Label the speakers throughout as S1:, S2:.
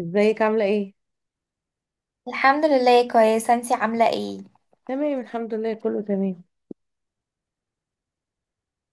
S1: ازيك عاملة ايه؟
S2: الحمد لله كويسة، انتي عاملة ايه؟
S1: تمام الحمد لله، كله تمام.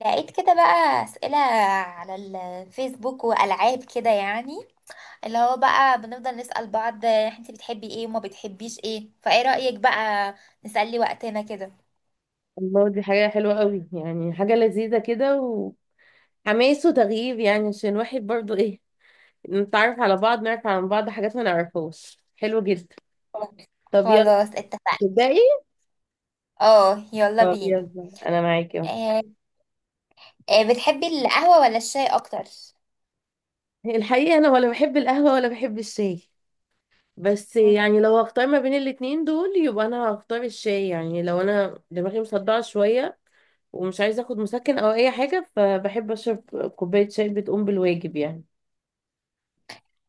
S2: لقيت كده بقى أسئلة على الفيسبوك وألعاب كده، يعني اللي هو بقى بنفضل نسأل بعض انتي بتحبي ايه وما بتحبيش ايه، فايه رأيك بقى نسلي وقتنا كده؟
S1: الله، دي حاجة حلوة قوي، يعني حاجة لذيذة كده وحماس وتغيير، يعني عشان الواحد برضو ايه، نتعرف على بعض، نعرف عن بعض حاجات ما نعرفهاش. حلو جدا. طب يلا
S2: خلاص اتفقنا.
S1: تبدأي؟
S2: اه، يلا
S1: طب
S2: بينا.
S1: يلا انا معاكي اهو.
S2: آه بتحبي القهوة ولا الشاي أكتر؟
S1: الحقيقة انا ولا بحب القهوة ولا بحب الشاي، بس
S2: مم.
S1: يعني لو هختار ما بين الاتنين دول يبقى انا هختار الشاي. يعني لو انا دماغي مصدعة شوية ومش عايزة اخد مسكن او اي حاجة فبحب اشرب كوباية شاي بتقوم بالواجب يعني.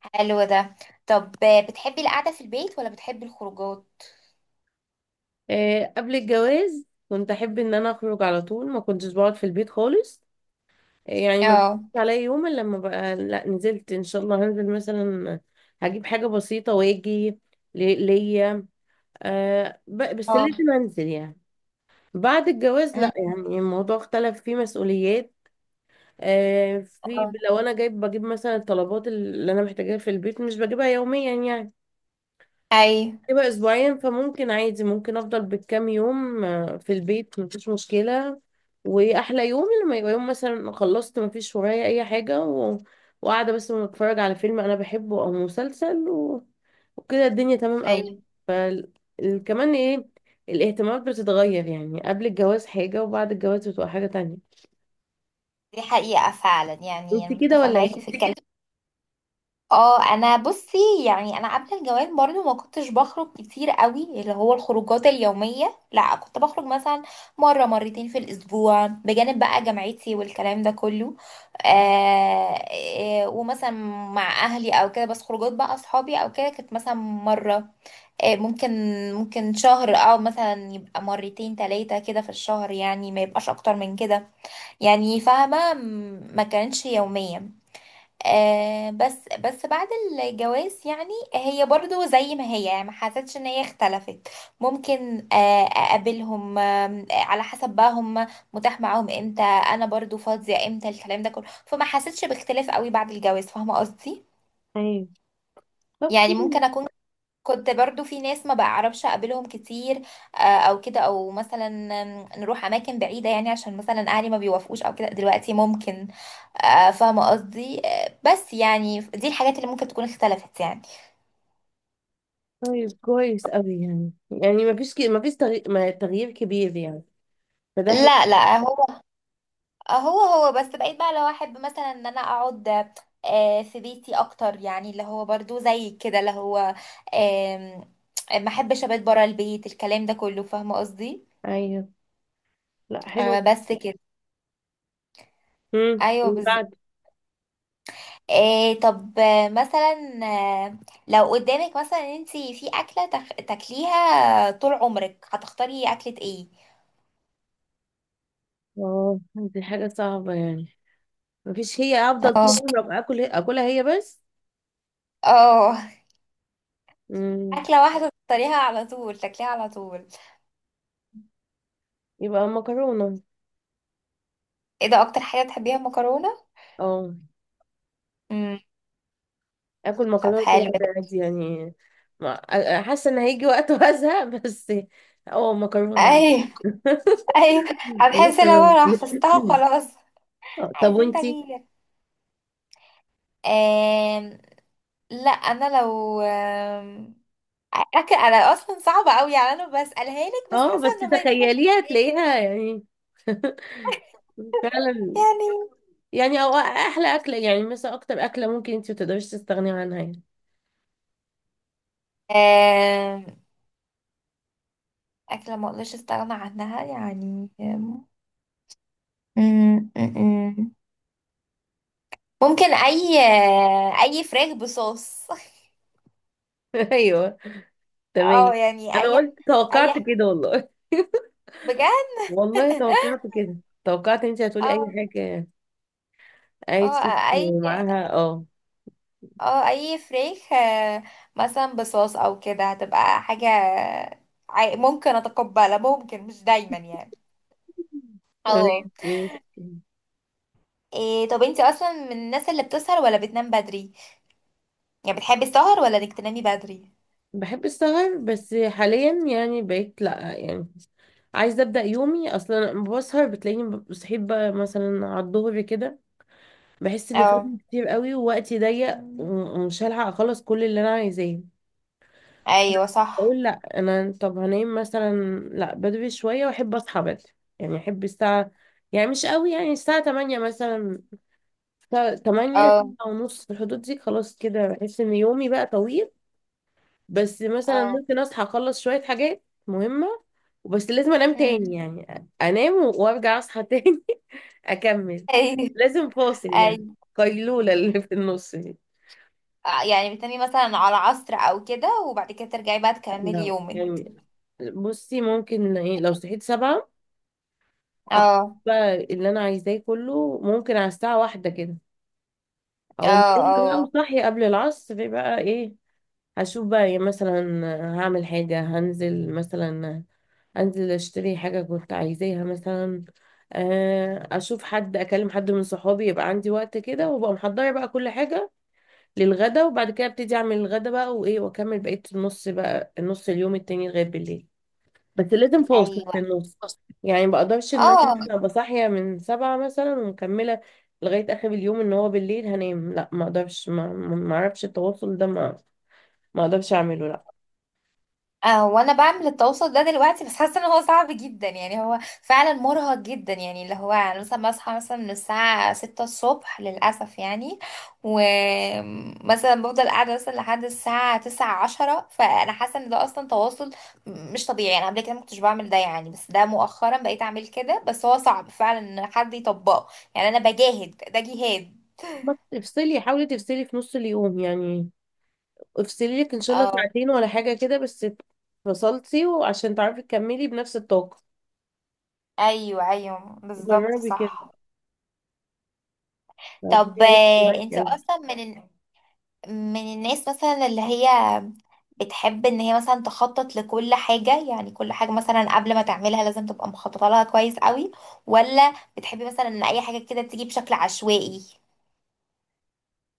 S2: حلو ده. طب بتحبي القعدة في البيت ولا بتحبي الخروجات؟
S1: قبل الجواز كنت احب ان انا اخرج على طول، ما كنتش بقعد في البيت خالص. يعني ما بيجيش
S2: اه.
S1: عليا يوم الا لما بقى لا نزلت ان شاء الله، هنزل مثلا هجيب حاجه بسيطه واجي ليا. بس
S2: اه.
S1: لازم انزل يعني. بعد الجواز
S2: مم.
S1: لا، يعني الموضوع اختلف، فيه مسؤوليات. في
S2: اه.
S1: لو انا جايب بجيب مثلا الطلبات اللي انا محتاجاها في البيت، مش بجيبها يوميا يعني،
S2: ايوه.
S1: هيبقى اسبوعين، فممكن عادي ممكن افضل بالكام يوم في البيت مفيش مشكلة. واحلى يوم لما يبقى يوم مثلا خلصت مفيش ورايا اي حاجة وقاعدة بس بتفرج على فيلم انا بحبه او مسلسل وكده الدنيا تمام قوي.
S2: ايوه،
S1: فال... كمان ايه، الاهتمامات بتتغير يعني، قبل الجواز حاجة وبعد الجواز بتبقى حاجة تانية.
S2: دي حقيقة فعلا، يعني
S1: انت
S2: أنا
S1: كده
S2: متفقة
S1: ولا
S2: معاكي في
S1: ايه؟
S2: الكلام. اه، انا بصي، يعني انا قبل الجواز برضو ما كنتش بخرج كتير قوي، اللي هو الخروجات اليومية، لا كنت بخرج مثلا مرة مرتين في الاسبوع بجانب بقى جامعتي والكلام ده كله. آه ومثلا مع اهلي او كده، بس خروجات بقى اصحابي او كده كانت مثلا مرة، ممكن ممكن شهر، او مثلا يبقى مرتين تلاتة كده في الشهر، يعني ما يبقاش اكتر من كده، يعني فاهمة ما كانتش يومية. بس بعد الجواز، يعني هي برضو زي ما هي، يعني ما حسيتش ان هي اختلفت. ممكن اقابلهم، على حسب بقى هم متاح معاهم امتى، انا برضو فاضية امتى، الكلام ده كله، فما حسيتش باختلاف قوي بعد الجواز، فاهمة قصدي؟
S1: ايوه، طب
S2: يعني
S1: كويس.
S2: ممكن اكون كنت برضو في ناس ما بعرفش اقابلهم كتير، او كده، او مثلا نروح اماكن بعيده، يعني عشان مثلا اهلي ما بيوافقوش او كده، دلوقتي ممكن. فاهمه قصدي. بس يعني دي الحاجات اللي ممكن تكون اختلفت يعني.
S1: طيب كويس قوي، يعني يعني مفيش مفيش تغي... ما- تغيير كبير يعني، فده حلو.
S2: لا لا، هو بس بقيت بقى لو احب مثلا ان انا اقعد في بيتي اكتر، يعني اللي هو برضو زي كده، اللي هو آم، ما احبش ابات برا البيت الكلام ده كله، فاهمه قصدي؟
S1: ايوه، لا حلو.
S2: بس كده.
S1: امم،
S2: ايوه
S1: اللي
S2: بالظبط.
S1: بعد.
S2: إيه طب مثلا لو قدامك مثلا انت في اكله تاكليها طول عمرك، هتختاري اكله ايه؟
S1: اه دي حاجة صعبة يعني، مفيش هي افضل طول
S2: اه.
S1: عمري أبقى اكل اكلها هي بس.
S2: اه.
S1: امم،
S2: اكله واحده تختاريها على طول تاكليها على طول؟
S1: يبقى مكرونة.
S2: ايه ده، اكتر حاجه تحبيها المكرونه؟
S1: اه،
S2: امم.
S1: اكل
S2: طب
S1: مكرونة طول
S2: حلو
S1: عمري
S2: ده.
S1: عادي يعني. حاسة ان هيجي وقت وازهق بس. اه مكرونة عادي.
S2: ايوه. ايوه، هتحسي لو
S1: مكرونة
S2: انا حفظتها خلاص
S1: طب
S2: عايزين
S1: وانتي؟
S2: تغيير. آم... لا انا لو اكل، انا اصلا صعبه قوي، يعني انا بسالها لك بس
S1: اه،
S2: حاسه
S1: بس
S2: انه ما ينفعش
S1: تخيليها
S2: تتقال.
S1: تلاقيها يعني. فعلا.
S2: يعني
S1: يعني او احلى اكله، يعني مثلا اكتر اكله ممكن انت ما تقدريش تستغني عنها يعني.
S2: آه، أكلة ما أقدرش أستغنى عنها، يعني آم، أم، أم، أم. ممكن أي فراخ بصوص
S1: ايوه تمام.
S2: اه يعني
S1: انا
S2: أي
S1: قلت توقعت
S2: أي
S1: كده والله.
S2: بجد
S1: والله توقعت كده، توقعت انت هتقولي اي
S2: اه.
S1: حاجه، عايز ست
S2: اه. أي.
S1: معاها. اه
S2: اه، أي فراخ، مثلا بصوص أو كده، هتبقى حاجة ممكن أتقبلها ممكن، مش دايما يعني.
S1: تمام،
S2: اه.
S1: ماشي.
S2: إيه طب انتي اصلا من الناس اللي بتسهر ولا بتنام بدري، يعني بتحبي السهر ولا انك تنامي بدري؟
S1: بحب السهر، بس حاليا يعني بقيت لا، يعني عايزه ابدا يومي. اصلا لما بسهر بتلاقيني بصحيت بقى مثلا على الظهر كده، بحس ان
S2: اه.
S1: فاتني كتير قوي ووقتي ضيق ومش هلحق اخلص كل اللي انا عايزاه.
S2: ايوه صح.
S1: اقول لا، انا طب هنام مثلا لا بدري شويه واحب اصحى بدري، يعني احب الساعه، يعني مش قوي، يعني الساعه 8 مثلا، الساعة 8
S2: اه.
S1: ونص، في الحدود دي خلاص كده بحس ان يومي بقى طويل. بس مثلا
S2: اه.
S1: ممكن اصحى اخلص شويه حاجات مهمه، وبس لازم انام تاني،
S2: امم.
S1: يعني انام وارجع اصحى تاني. اكمل.
S2: ايوه.
S1: لازم فاصل يعني،
S2: ايوه،
S1: قيلوله اللي في النص دي.
S2: يعني بتنامي مثلا على عصر او كده وبعد كده ترجعي بقى تكملي
S1: لا
S2: يومك؟
S1: يعني، بصي ممكن ايه لو صحيت سبعة، اخد
S2: اه.
S1: بقى اللي انا عايزاه كله، ممكن على الساعه واحدة كده اقوم
S2: اه.
S1: نايمة بقى
S2: اه.
S1: وصاحية قبل العصر بقى ايه، هشوف بقى إيه مثلا، هعمل حاجة، هنزل مثلا، انزل اشتري حاجة كنت عايزاها مثلا، اشوف حد، اكلم حد من صحابي، يبقى عندي وقت كده وابقى محضرة بقى كل حاجة للغدا، وبعد كده ابتدي اعمل الغدا بقى وايه، واكمل بقية النص بقى، النص اليوم التاني لغاية بالليل. بس لازم فاصل
S2: ايوه.
S1: في النص، يعني ما بقدرش ان انا
S2: اه،
S1: مثلا ابقى صاحيه من سبعة مثلا ومكمله لغايه اخر اليوم، ان هو بالليل هنام. لا ما اقدرش، ما اعرفش التواصل ده، ما ما اقدرش اعمله لا.
S2: وانا بعمل التواصل ده دلوقتي، بس حاسه ان هو صعب جدا يعني، هو فعلا مرهق جدا يعني، اللي هو انا مثلا بصحى مثلا من الساعه 6 الصبح للاسف يعني، ومثلا بفضل قاعده مثلا لحد الساعه 9 10، فانا حاسه ان ده اصلا تواصل مش طبيعي، انا قبل كده ما كنتش بعمل ده يعني، بس ده مؤخرا بقيت اعمل كده، بس هو صعب فعلا ان حد يطبقه، يعني انا بجاهد ده جهاد.
S1: بس افصلي، حاولي تفصلي في نص اليوم يعني، افصلي لك ان شاء الله
S2: اه.
S1: ساعتين ولا حاجه كده، بس فصلتي وعشان تعرفي تكملي بنفس الطاقه.
S2: ايوه ايوه بالظبط،
S1: جربي كده،
S2: صح.
S1: هتلاقي
S2: طب
S1: هيفرق
S2: انت
S1: معاكي أوي.
S2: اصلا من الناس مثلا اللي هي بتحب ان هي مثلا تخطط لكل حاجة، يعني كل حاجة مثلا قبل ما تعملها لازم تبقى مخططة لها كويس قوي، ولا بتحبي مثلا ان اي حاجة كده تيجي بشكل عشوائي؟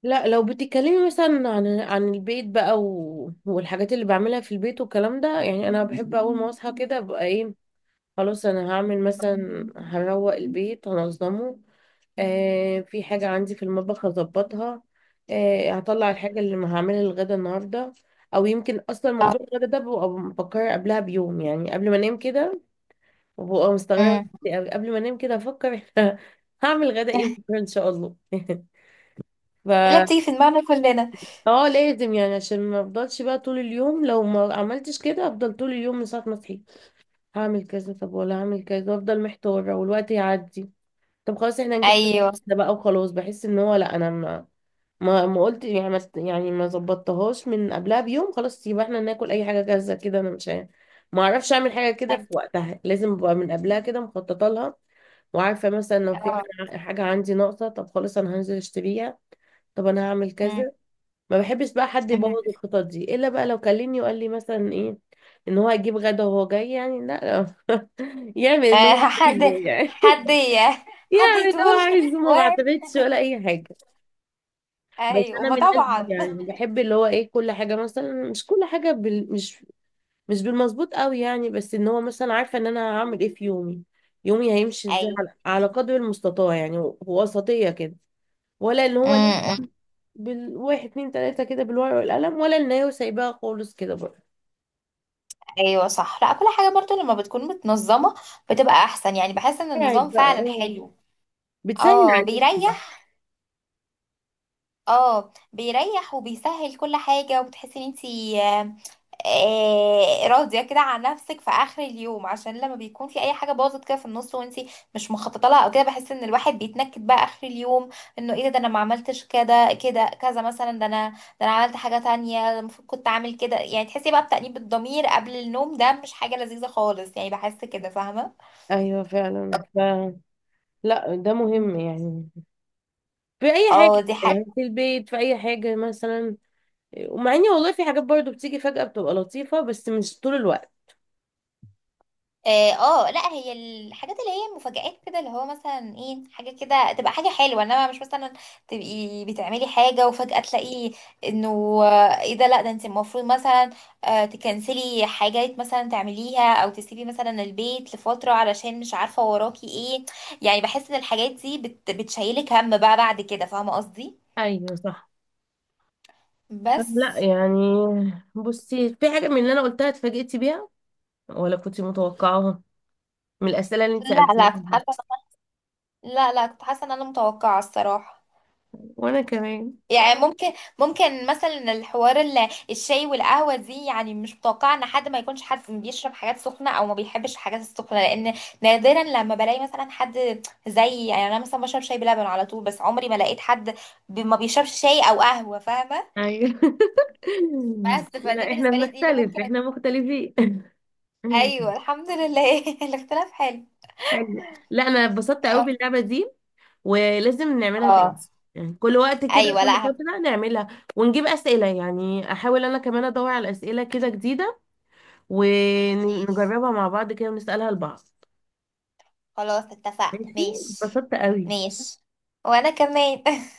S1: لا لو بتتكلمي مثلا عن عن البيت بقى والحاجات اللي بعملها في البيت والكلام ده، يعني انا بحب اول ما اصحى كده ابقى ايه، خلاص انا هعمل مثلا، هروق البيت، هنظمه، آه في حاجة عندي في المطبخ هظبطها، آه هطلع الحاجة اللي ما هعملها الغدا النهاردة. او يمكن اصلا موضوع الغدا ده ببقى بفكر قبلها بيوم، يعني قبل ما انام كده، وببقى مستغربة
S2: امم.
S1: نفسي أوي، قبل ما انام كده افكر هعمل غدا ايه بكره ان شاء الله. ف،
S2: اللي بتيجي في دماغنا كلنا.
S1: اه لازم يعني، عشان ما افضلش بقى طول اليوم، لو ما عملتش كده افضل طول اليوم من ساعة ما صحيت هعمل كذا، طب ولا هعمل كذا، وافضل محتارة والوقت يعدي. طب خلاص احنا هنجيب حاجة
S2: ايوه.
S1: جديدة بقى، وخلاص بحس ان هو لا، انا ما قلت، يعني ما است- يعني ما ظبطتهاش من قبلها بيوم، خلاص يبقى احنا ناكل اي حاجة جاهزة كده، انا مش عارف- ما اعرفش اعمل حاجة كده في وقتها، لازم ابقى من قبلها كده مخططة لها، وعارفة مثلا لو في
S2: اه.
S1: حاجة حاجة عندي ناقصة، طب خلاص انا هنزل اشتريها، طب انا هعمل
S2: أمم.
S1: كذا. ما بحبش بقى حد
S2: أمم.
S1: يبوظ الخطط دي الا بقى لو كلمني وقال لي مثلا ايه، ان هو هيجيب غدا وهو جاي، يعني لا لا، يعمل اللي هو
S2: حد
S1: عايزه يعني
S2: حد ي- حد
S1: يعمل اللي
S2: يطول
S1: هو عايزه،
S2: و،
S1: ما بعتمدش ولا اي حاجه. بس
S2: ايوه
S1: انا
S2: ما
S1: من الناس دي،
S2: طبعا.
S1: يعني بحب اللي هو ايه، كل حاجه مثلا، مش مش بالمظبوط قوي يعني، بس ان هو مثلا عارفه ان انا هعمل ايه في يومي، يومي هيمشي ازاي على على قدر المستطاع يعني، وسطيه كده، ولا اللي هو
S2: ايوه.
S1: بالواحد اتنين تلاتة كده بالورقة والقلم، ولا النايه وسايباها خالص كده برضه.
S2: ايوه صح، لا كل حاجه برضو لما بتكون متنظمه بتبقى احسن، يعني بحس ان
S1: قاعد
S2: النظام
S1: بقى،
S2: فعلا
S1: اه
S2: حلو.
S1: بتسهل
S2: اه
S1: عليكي.
S2: بيريح. اه بيريح وبيسهل كل حاجه، وبتحسي ان انتي راضيه كده عن نفسك في اخر اليوم، عشان لما بيكون في اي حاجه باظت كده في النص وانتي مش مخططه لها او كده، بحس ان الواحد بيتنكد بقى اخر اليوم، انه ايه ده، انا ما عملتش كده، كذا مثلا، ده انا، عملت حاجه تانية، ده المفروض كنت اعمل كده، يعني تحسي بقى بتأنيب الضمير قبل النوم، ده مش حاجه لذيذه خالص يعني، بحس كده فاهمه.
S1: ايوه فعلا، ف لا ده مهم يعني، في اي حاجه
S2: اه دي حاجه.
S1: يعني في البيت، في اي حاجه مثلا. ومع اني والله في حاجات برضو بتيجي فجاه بتبقى لطيفه، بس مش طول الوقت.
S2: اه، لا هي الحاجات اللي هي المفاجآت كده، اللي هو مثلا ايه، حاجة كده تبقى حاجة حلوة، انما مش مثلا تبقي بتعملي حاجة وفجأة تلاقي انه ايه ده، لا ده انت المفروض مثلا تكنسلي حاجات مثلا تعمليها، او تسيبي مثلا البيت لفترة علشان مش عارفة وراكي ايه، يعني بحس ان الحاجات دي بتشيلك هم بقى بعد كده، فاهمة قصدي؟
S1: ايوه صح،
S2: بس.
S1: لا يعني بصي، في حاجه من اللي انا قلتها اتفاجئتي بيها، ولا كنت متوقعاها من الاسئله اللي انت
S2: لا
S1: سالتيها
S2: لا كنت
S1: دي؟
S2: حاسة لا لا، كنت حاسة ان انا متوقعة الصراحة.
S1: وانا كمان
S2: يعني ممكن مثلا الحوار الشاي والقهوة دي، يعني مش متوقعة ان حد ما يكونش حد بيشرب حاجات سخنة او ما بيحبش الحاجات السخنة، لان نادرا لما بلاقي مثلا حد زي، يعني انا مثلا بشرب شاي بلبن على طول، بس عمري ما لقيت حد ما بيشربش شاي او قهوة، فاهمة؟
S1: ايوه.
S2: بس فدي
S1: لا احنا
S2: بالنسبة لي دي اللي
S1: بنختلف،
S2: ممكن أ-
S1: احنا مختلفين.
S2: ايوه الحمد لله الاختلاف حلو.
S1: حلو، لا انا اتبسطت قوي
S2: اه.
S1: باللعبه دي، ولازم نعملها تاني،
S2: آه.
S1: يعني كل وقت كده
S2: ايوه. لا
S1: كل
S2: هم-.
S1: فتره نعملها، ونجيب اسئله، يعني احاول انا كمان ادور على اسئله كده جديده،
S2: ماشي
S1: ونجربها مع بعض كده ونسالها لبعض.
S2: خلاص اتفقنا.
S1: ماشي،
S2: ماشي.
S1: اتبسطت قوي.
S2: ماشي. وانا كمان